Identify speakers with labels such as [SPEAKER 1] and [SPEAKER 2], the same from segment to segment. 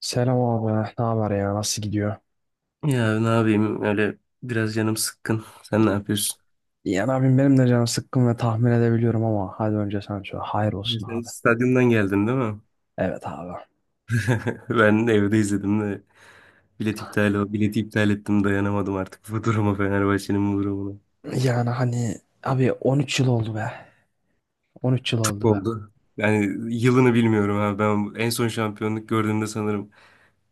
[SPEAKER 1] Selam abi. Ne haber ya? Nasıl gidiyor?
[SPEAKER 2] Ya ne yapayım öyle biraz canım sıkkın. Sen ne yapıyorsun?
[SPEAKER 1] Yani abim benim de canım sıkkın ve tahmin edebiliyorum ama hadi önce sen söyle. Hayır olsun
[SPEAKER 2] Sen
[SPEAKER 1] abi.
[SPEAKER 2] stadyumdan geldin değil mi?
[SPEAKER 1] Evet abi.
[SPEAKER 2] Ben de evde izledim de bilet iptal o bileti iptal ettim dayanamadım artık bu duruma Fenerbahçe'nin bu durumuna.
[SPEAKER 1] Yani hani abi 13 yıl oldu be. 13 yıl
[SPEAKER 2] Çok
[SPEAKER 1] oldu be.
[SPEAKER 2] oldu. Yani yılını bilmiyorum abi ben en son şampiyonluk gördüğümde sanırım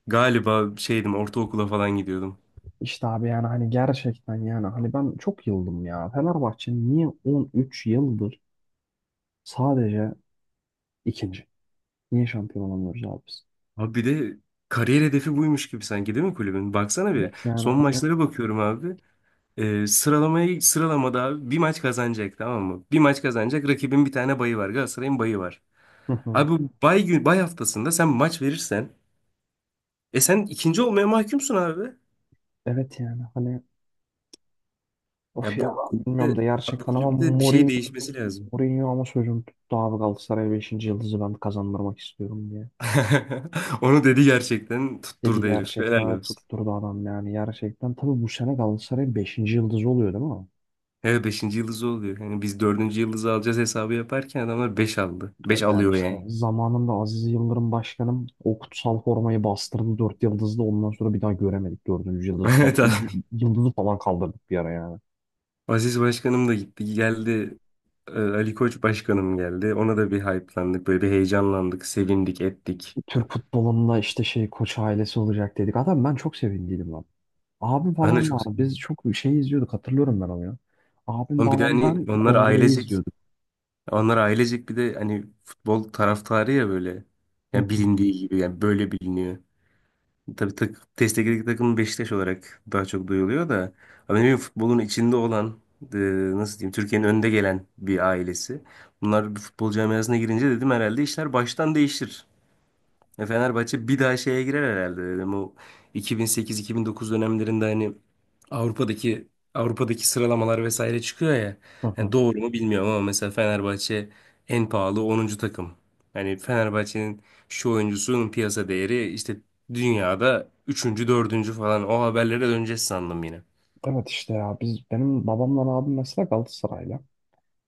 [SPEAKER 2] galiba şeydim ortaokula falan gidiyordum.
[SPEAKER 1] İşte abi yani hani gerçekten yani hani ben çok yıldım ya. Fenerbahçe niye 13 yıldır sadece ikinci? Niye şampiyon olamıyoruz abi biz?
[SPEAKER 2] Abi bir de kariyer hedefi buymuş gibi sanki değil mi kulübün? Baksana bir
[SPEAKER 1] Evet yani
[SPEAKER 2] son
[SPEAKER 1] hani.
[SPEAKER 2] maçlara bakıyorum abi. Sıralamada abi bir maç kazanacak tamam mı? Bir maç kazanacak rakibin bir tane bayı var. Galatasaray'ın bayı var.
[SPEAKER 1] Hı hı.
[SPEAKER 2] Abi bu bay gün bay haftasında sen maç verirsen sen ikinci olmaya mahkumsun abi.
[SPEAKER 1] Evet yani hani, of
[SPEAKER 2] Ya
[SPEAKER 1] ya bilmiyorum da
[SPEAKER 2] abi
[SPEAKER 1] gerçekten ama
[SPEAKER 2] kulüpte bir şey
[SPEAKER 1] Mourinho
[SPEAKER 2] değişmesi lazım.
[SPEAKER 1] Mourinho ama sözüm tuttu abi, Galatasaray beşinci yıldızı ben kazandırmak istiyorum diye.
[SPEAKER 2] Onu dedi gerçekten
[SPEAKER 1] Dedi,
[SPEAKER 2] tutturdu herif. Helal
[SPEAKER 1] gerçekten
[SPEAKER 2] olsun.
[SPEAKER 1] tutturdu adam yani, gerçekten. Tabii bu sene Galatasaray'ın beşinci yıldızı oluyor değil mi?
[SPEAKER 2] Evet beşinci yıldızı oluyor. Yani biz dördüncü yıldızı alacağız hesabı yaparken adamlar 5 aldı. Beş
[SPEAKER 1] Yani
[SPEAKER 2] alıyor
[SPEAKER 1] işte
[SPEAKER 2] yani.
[SPEAKER 1] zamanında Aziz Yıldırım başkanım o kutsal formayı bastırdı, 4 yıldızlı, ondan sonra bir daha göremedik dördüncü yıldız.
[SPEAKER 2] Evet abi.
[SPEAKER 1] Yıldızı falan kaldırdık bir ara yani.
[SPEAKER 2] Aziz Başkanım da gitti geldi. Ali Koç Başkanım geldi. Ona da bir hype'landık. Böyle bir heyecanlandık. Sevindik ettik.
[SPEAKER 1] Türk futbolunda işte şey, koç ailesi olacak dedik. Adam, ben çok sevindiydim lan. Abim
[SPEAKER 2] Ben de
[SPEAKER 1] falan
[SPEAKER 2] çok
[SPEAKER 1] var.
[SPEAKER 2] sevindim.
[SPEAKER 1] Biz çok şey izliyorduk, hatırlıyorum ben onu ya. Abim,
[SPEAKER 2] Oğlum bir de
[SPEAKER 1] babam,
[SPEAKER 2] hani
[SPEAKER 1] ben
[SPEAKER 2] onlar
[SPEAKER 1] kongreyi
[SPEAKER 2] ailecek.
[SPEAKER 1] izliyorduk.
[SPEAKER 2] Onlar ailecek bir de hani futbol taraftarı ya böyle.
[SPEAKER 1] Hı
[SPEAKER 2] Yani
[SPEAKER 1] hı,
[SPEAKER 2] bilindiği gibi yani böyle biliniyor. Tabii destekli takım Beşiktaş olarak daha çok duyuluyor da. Ama ne bileyim, futbolun içinde olan e, nasıl diyeyim Türkiye'nin önde gelen bir ailesi. Bunlar bir futbol camiasına girince dedim herhalde işler baştan değişir. Ya Fenerbahçe bir daha şeye girer herhalde dedim. O 2008-2009 dönemlerinde hani Avrupa'daki Avrupa'daki sıralamalar vesaire çıkıyor ya.
[SPEAKER 1] hı
[SPEAKER 2] Yani
[SPEAKER 1] hı.
[SPEAKER 2] doğru mu bilmiyorum ama mesela Fenerbahçe en pahalı 10. takım. Hani Fenerbahçe'nin şu oyuncusunun piyasa değeri işte dünyada üçüncü dördüncü falan o haberlere döneceğiz sandım yine.
[SPEAKER 1] Evet işte ya, biz benim babamla abim mesela Galatasaraylı.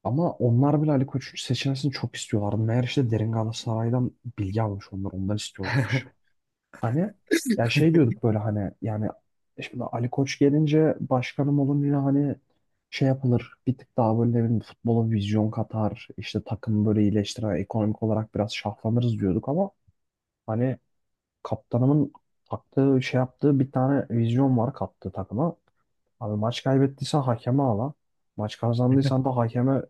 [SPEAKER 1] Ama onlar bile Ali Koç'un seçilmesini çok istiyorlardı. Meğer işte derin Galatasaray'dan bilgi almış, onlar ondan istiyorlarmış. Hani ya, şey diyorduk böyle hani, yani şimdi Ali Koç gelince, başkanım olunca hani şey yapılır, bir tık daha böyle ne bileyim futbola vizyon katar, işte takımı böyle iyileştiren, ekonomik olarak biraz şahlanırız diyorduk ama hani, kaptanımın taktığı şey, yaptığı bir tane vizyon var kattığı takıma. Abi, maç kaybettiysen hakeme ağla. Maç kazandıysan da hakeme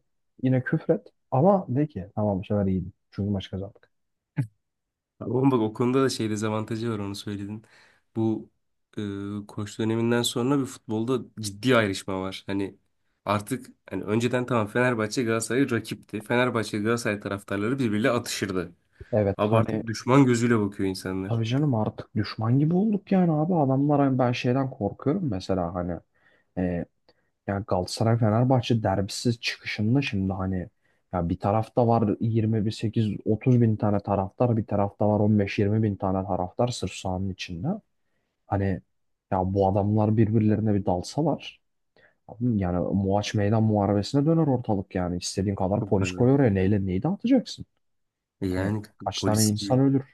[SPEAKER 1] yine küfret. Ama de ki tamam, bu sefer iyiydi, çünkü maç kazandık.
[SPEAKER 2] Ama bak o konuda da şey dezavantajı var onu söyledin. Bu koç döneminden sonra bir futbolda ciddi ayrışma var. Hani artık hani önceden tamam Fenerbahçe Galatasaray rakipti. Fenerbahçe Galatasaray taraftarları birbiriyle atışırdı.
[SPEAKER 1] Evet
[SPEAKER 2] Ama
[SPEAKER 1] hani.
[SPEAKER 2] artık düşman gözüyle bakıyor insanlar.
[SPEAKER 1] Tabii canım, artık düşman gibi olduk yani abi. Adamlar hani, ben şeyden korkuyorum mesela hani. E, Ya Galatasaray-Fenerbahçe derbisi çıkışında şimdi hani, ya bir tarafta var 20-8-30 bin tane taraftar, bir tarafta var 15-20 bin tane taraftar sırf sahanın içinde. Hani ya, bu adamlar birbirlerine bir dalsalar, abi yani Muaç Meydan Muharebesi'ne döner ortalık yani. İstediğin kadar
[SPEAKER 2] Çok
[SPEAKER 1] polis koy
[SPEAKER 2] garip.
[SPEAKER 1] oraya, neyle neyi dağıtacaksın? Hani
[SPEAKER 2] Yani
[SPEAKER 1] kaç tane
[SPEAKER 2] polis
[SPEAKER 1] insan ölür?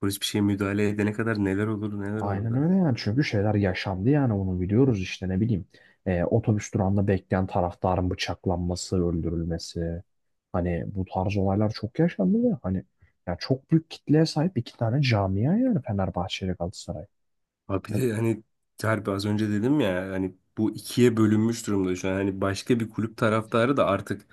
[SPEAKER 2] polis bir şeye müdahale edene kadar neler olur neler olur
[SPEAKER 1] Aynen
[SPEAKER 2] da.
[SPEAKER 1] öyle yani, çünkü şeyler yaşandı yani, onu biliyoruz işte, ne bileyim. Otobüs durağında bekleyen taraftarın bıçaklanması, öldürülmesi. Hani bu tarz olaylar çok yaşandı ve hani ya, çok büyük kitleye sahip iki tane camia yani Fenerbahçe ile Galatasaray.
[SPEAKER 2] Abi bir de hani Harbi az önce dedim ya hani bu ikiye bölünmüş durumda şu an. Hani başka bir kulüp taraftarı da artık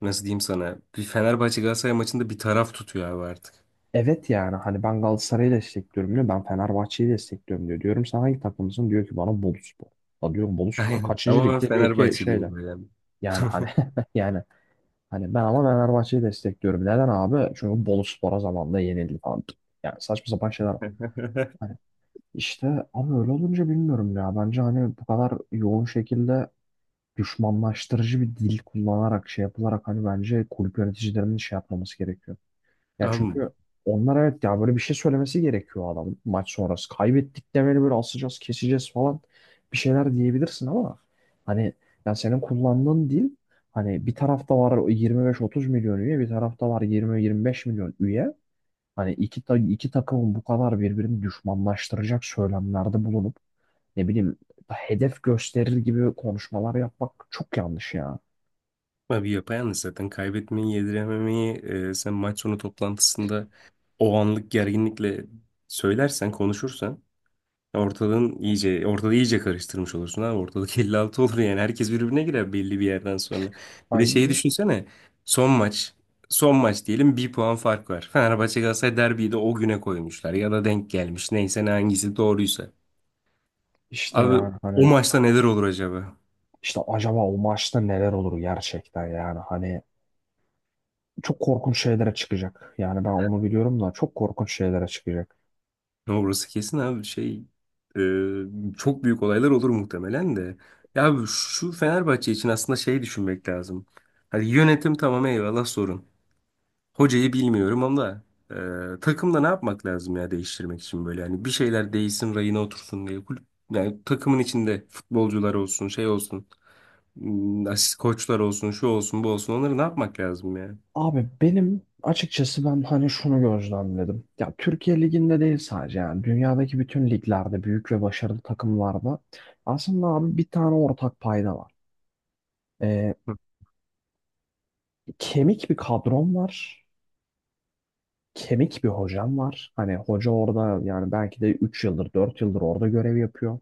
[SPEAKER 2] nasıl diyeyim sana bir Fenerbahçe Galatasaray maçında bir taraf tutuyor abi artık.
[SPEAKER 1] Evet yani hani, ben Galatasaray'ı destekliyorum diyor. Ben Fenerbahçe'yi destekliyorum diyor. Diyorum sen hangi takımısın? Diyor ki bana, Boluspor. Ya diyorum, Boluspor
[SPEAKER 2] Aynen.
[SPEAKER 1] kaçıncı
[SPEAKER 2] Ama ben
[SPEAKER 1] ligde? Diyor ki
[SPEAKER 2] Fenerbahçeliyim
[SPEAKER 1] şeyde.
[SPEAKER 2] böyle.
[SPEAKER 1] Yani hani yani hani, ben ama Fenerbahçe'yi destekliyorum. Neden abi? Çünkü Boluspor'a zamanında yenildi falan. Yani, saçma sapan şeyler. Hani işte, ama öyle olunca bilmiyorum ya. Bence hani, bu kadar yoğun şekilde düşmanlaştırıcı bir dil kullanarak, şey yapılarak, hani bence kulüp yöneticilerinin şey yapmaması gerekiyor. Ya
[SPEAKER 2] Abi,
[SPEAKER 1] çünkü onlar, evet ya böyle bir şey söylemesi gerekiyor adam maç sonrası. Kaybettik demeli, böyle asacağız, keseceğiz falan bir şeyler diyebilirsin ama hani ya, senin kullandığın dil, hani bir tarafta var 25-30 milyon üye, bir tarafta var 20-25 milyon üye. Hani iki, iki takımın bu kadar birbirini düşmanlaştıracak söylemlerde bulunup, ne bileyim, hedef gösterir gibi konuşmalar yapmak çok yanlış ya.
[SPEAKER 2] abi, yapayalnız zaten kaybetmeyi yedirememeyi sen maç sonu toplantısında o anlık gerginlikle söylersen konuşursan ortalığı iyice karıştırmış olursun abi. Ortalık 56 olur yani. Herkes birbirine girer belli bir yerden sonra. Bir de
[SPEAKER 1] Aynen
[SPEAKER 2] şeyi
[SPEAKER 1] öyle.
[SPEAKER 2] düşünsene. Son maç. Son maç diyelim bir puan fark var. Fenerbahçe Galatasaray derbiyi de o güne koymuşlar. Ya da denk gelmiş. Neyse ne hangisi doğruysa.
[SPEAKER 1] İşte
[SPEAKER 2] Abi
[SPEAKER 1] yani
[SPEAKER 2] o
[SPEAKER 1] hani.
[SPEAKER 2] maçta neler olur acaba?
[SPEAKER 1] İşte acaba o maçta neler olur gerçekten yani, hani çok korkunç şeylere çıkacak. Yani ben onu biliyorum da, çok korkunç şeylere çıkacak.
[SPEAKER 2] Orası kesin abi. Çok büyük olaylar olur muhtemelen de. Ya abi şu Fenerbahçe için aslında şey düşünmek lazım. Hani yönetim tamam eyvallah sorun. Hocayı bilmiyorum ama takımda ne yapmak lazım ya değiştirmek için böyle yani bir şeyler değişsin rayına otursun diye kulüp yani takımın içinde futbolcular olsun şey olsun asist koçlar olsun şu olsun bu olsun onları ne yapmak lazım ya?
[SPEAKER 1] Abi benim açıkçası, ben hani şunu gözlemledim. Ya Türkiye Ligi'nde değil sadece, yani dünyadaki bütün liglerde, büyük ve başarılı takımlarda aslında abi bir tane ortak payda var. Ee,
[SPEAKER 2] Hı.
[SPEAKER 1] Kemik bir kadron var. Kemik bir hocam var. Hani hoca orada yani, belki de 3 yıldır, 4 yıldır orada görev yapıyor.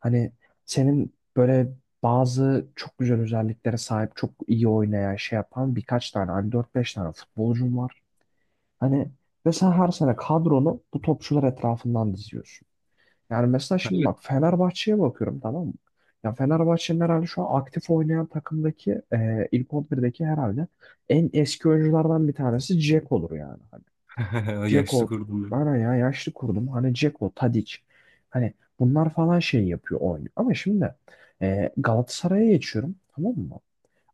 [SPEAKER 1] Hani senin böyle bazı çok güzel özelliklere sahip, çok iyi oynayan, şey yapan birkaç tane, hani dört beş tane futbolcun var. Hani ve sen her sene kadronu bu topçular etrafından diziyorsun. Yani mesela şimdi
[SPEAKER 2] Hayır.
[SPEAKER 1] bak, Fenerbahçe'ye bakıyorum, tamam mı? Ya Fenerbahçe'nin herhalde şu an aktif oynayan takımdaki ilk on birdeki herhalde en eski oyunculardan bir tanesi Jack olur yani.
[SPEAKER 2] Yaşlı
[SPEAKER 1] Dzeko
[SPEAKER 2] kurdum beni.
[SPEAKER 1] bana, ya yaşlı kurdum. Hani Dzeko, Tadic. Hani bunlar falan şey yapıyor, oynuyor. Ama şimdi Galatasaray'a geçiyorum, tamam mı?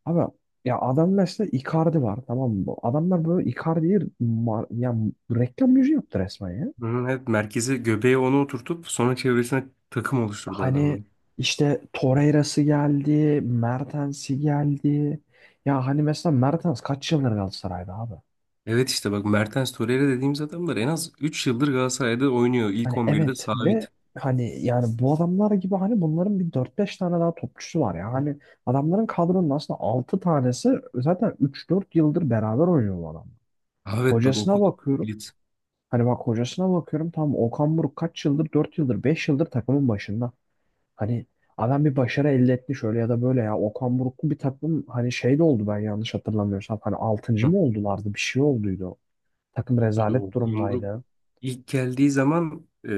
[SPEAKER 1] Abi ya, adam mesela Icardi var, tamam mı? Adamlar böyle Icardi'yi ya reklam yüzü yaptı resmen ya.
[SPEAKER 2] Hı, evet merkeze göbeğe onu oturtup sonra çevresine takım oluşturdu
[SPEAKER 1] Hani
[SPEAKER 2] adamlar.
[SPEAKER 1] işte Torreira'sı geldi, Mertens'i geldi. Ya hani mesela, Mertens kaç yıldır Galatasaray'da abi?
[SPEAKER 2] Evet işte bak Mertens Torreira dediğimiz adamlar en az 3 yıldır Galatasaray'da oynuyor. İlk
[SPEAKER 1] Hani
[SPEAKER 2] 11'de
[SPEAKER 1] evet, ve
[SPEAKER 2] sabit.
[SPEAKER 1] hani yani bu adamlar gibi, hani bunların bir dört beş tane daha topçusu var ya. Hani adamların kadronun aslında 6 tanesi zaten üç dört yıldır beraber oynuyor bu adamlar.
[SPEAKER 2] Ha, evet bak o
[SPEAKER 1] Hocasına
[SPEAKER 2] kadar
[SPEAKER 1] bakıyorum.
[SPEAKER 2] kilit.
[SPEAKER 1] Hani bak hocasına bakıyorum, tam Okan Buruk kaç yıldır, 4 yıldır, 5 yıldır takımın başında. Hani adam bir başarı elde etmiş öyle ya da böyle ya. Okan Buruk'lu bir takım hani, şey de oldu, ben yanlış hatırlamıyorsam. Hani altıncı mı oldulardı, bir şey olduydu. Takım
[SPEAKER 2] Abi
[SPEAKER 1] rezalet
[SPEAKER 2] Okan Buruk
[SPEAKER 1] durumdaydı.
[SPEAKER 2] ilk geldiği zaman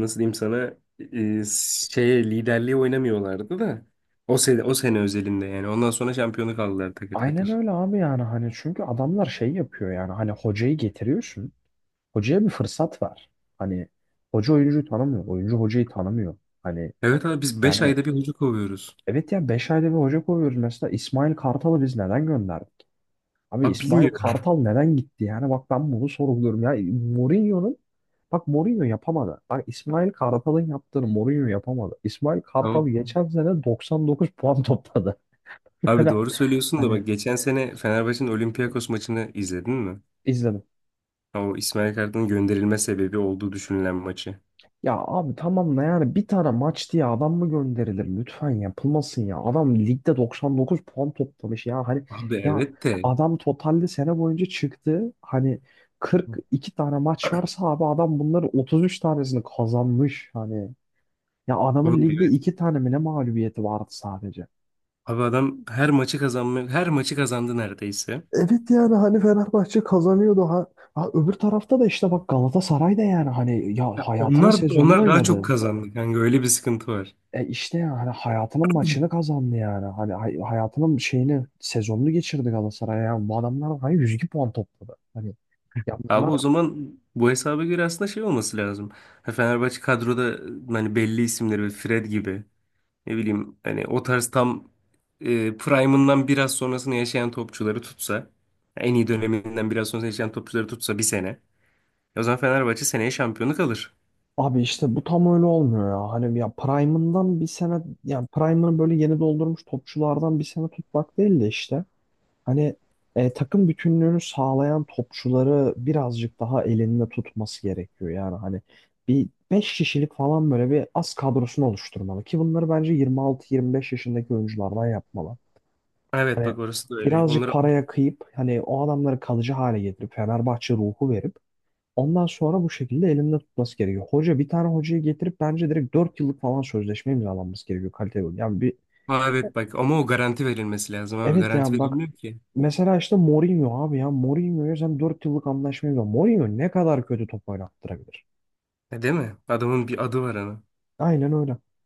[SPEAKER 2] nasıl diyeyim sana liderliğe oynamıyorlardı da o sene özelinde yani ondan sonra şampiyonu kaldılar takır
[SPEAKER 1] Aynen
[SPEAKER 2] takır.
[SPEAKER 1] öyle abi, yani hani çünkü adamlar şey yapıyor, yani hani hocayı getiriyorsun. Hocaya bir fırsat ver. Hani hoca oyuncuyu tanımıyor, oyuncu hocayı tanımıyor. Hani
[SPEAKER 2] Evet abi biz 5
[SPEAKER 1] yani.
[SPEAKER 2] ayda bir hoca kovuyoruz.
[SPEAKER 1] Evet ya, 5 ayda bir hoca koyuyoruz. Mesela İsmail Kartal'ı biz neden gönderdik? Abi
[SPEAKER 2] Abi
[SPEAKER 1] İsmail
[SPEAKER 2] bilmiyorum.
[SPEAKER 1] Kartal neden gitti? Yani bak, ben bunu sorguluyorum ya. Mourinho'nun bak Mourinho yapamadı. Bak İsmail Kartal'ın yaptığını Mourinho yapamadı. İsmail
[SPEAKER 2] Abi,
[SPEAKER 1] Kartal geçen sene 99 puan topladı.
[SPEAKER 2] abi,
[SPEAKER 1] Yani
[SPEAKER 2] doğru söylüyorsun da
[SPEAKER 1] hani
[SPEAKER 2] bak geçen sene Fenerbahçe'nin Olympiakos maçını izledin mi?
[SPEAKER 1] izledim.
[SPEAKER 2] O İsmail Kartal'ın gönderilme sebebi olduğu düşünülen maçı.
[SPEAKER 1] Ya abi tamam da, yani bir tane maç diye adam mı gönderilir? Lütfen yapılmasın ya. Adam ligde 99 puan toplamış ya. Hani
[SPEAKER 2] Abi
[SPEAKER 1] ya,
[SPEAKER 2] evet de
[SPEAKER 1] adam totalde sene boyunca çıktı. Hani 42 tane maç varsa abi, adam bunların 33 tanesini kazanmış. Hani ya, adamın
[SPEAKER 2] Oğlum
[SPEAKER 1] ligde
[SPEAKER 2] evet.
[SPEAKER 1] 2 tane mi ne mağlubiyeti vardı sadece.
[SPEAKER 2] Abi adam her maçı kazanmıyor. Her maçı kazandı neredeyse.
[SPEAKER 1] Evet yani hani Fenerbahçe kazanıyordu. Ha, ha öbür tarafta da işte bak, Galatasaray da yani hani ya
[SPEAKER 2] Ya
[SPEAKER 1] hayatının
[SPEAKER 2] Onlar
[SPEAKER 1] sezonunu
[SPEAKER 2] onlar daha
[SPEAKER 1] oynadı.
[SPEAKER 2] çok kazandı kanka öyle bir sıkıntı var.
[SPEAKER 1] E işte ya, hani hayatının maçını kazandı yani. Hani hayatının şeyini, sezonunu geçirdi Galatasaray. Yani bu adamlar hani 102 puan topladı. Hani ya
[SPEAKER 2] Abi
[SPEAKER 1] bunlar,
[SPEAKER 2] o zaman bu hesaba göre aslında şey olması lazım. Ha, Fenerbahçe kadroda hani belli isimleri böyle Fred gibi ne bileyim hani o tarz tam prime'ından biraz sonrasını yaşayan topçuları tutsa en iyi döneminden biraz sonrasını yaşayan topçuları tutsa bir sene. O zaman Fenerbahçe seneye şampiyonluk alır.
[SPEAKER 1] abi işte bu tam öyle olmuyor ya. Hani ya Prime'ından bir sene, yani Prime'ını böyle yeni doldurmuş topçulardan bir sene tutmak değil de işte. Hani takım bütünlüğünü sağlayan topçuları birazcık daha elinde tutması gerekiyor. Yani hani bir 5 kişilik falan böyle bir az kadrosunu oluşturmalı ki, bunları bence 26-25 yaşındaki oyunculardan yapmalı.
[SPEAKER 2] Evet
[SPEAKER 1] Hani
[SPEAKER 2] bak orası da öyle.
[SPEAKER 1] birazcık paraya kıyıp, hani o adamları kalıcı hale getirip, Fenerbahçe ruhu verip, ondan sonra bu şekilde elinde tutması gerekiyor. Hoca, bir tane hocayı getirip bence direkt 4 yıllık falan sözleşme imzalanması gerekiyor, kaliteli oyun. Yani bir,
[SPEAKER 2] Aa, evet bak ama o garanti verilmesi lazım abi.
[SPEAKER 1] evet
[SPEAKER 2] Garanti
[SPEAKER 1] yani bak,
[SPEAKER 2] verilmiyor ki.
[SPEAKER 1] mesela işte Mourinho abi, ya Mourinho'ya sen 4 yıllık anlaşma imzalan. Mourinho ne kadar kötü top oynattırabilir.
[SPEAKER 2] Ha, değil mi? Adamın bir adı var ana.
[SPEAKER 1] Aynen öyle.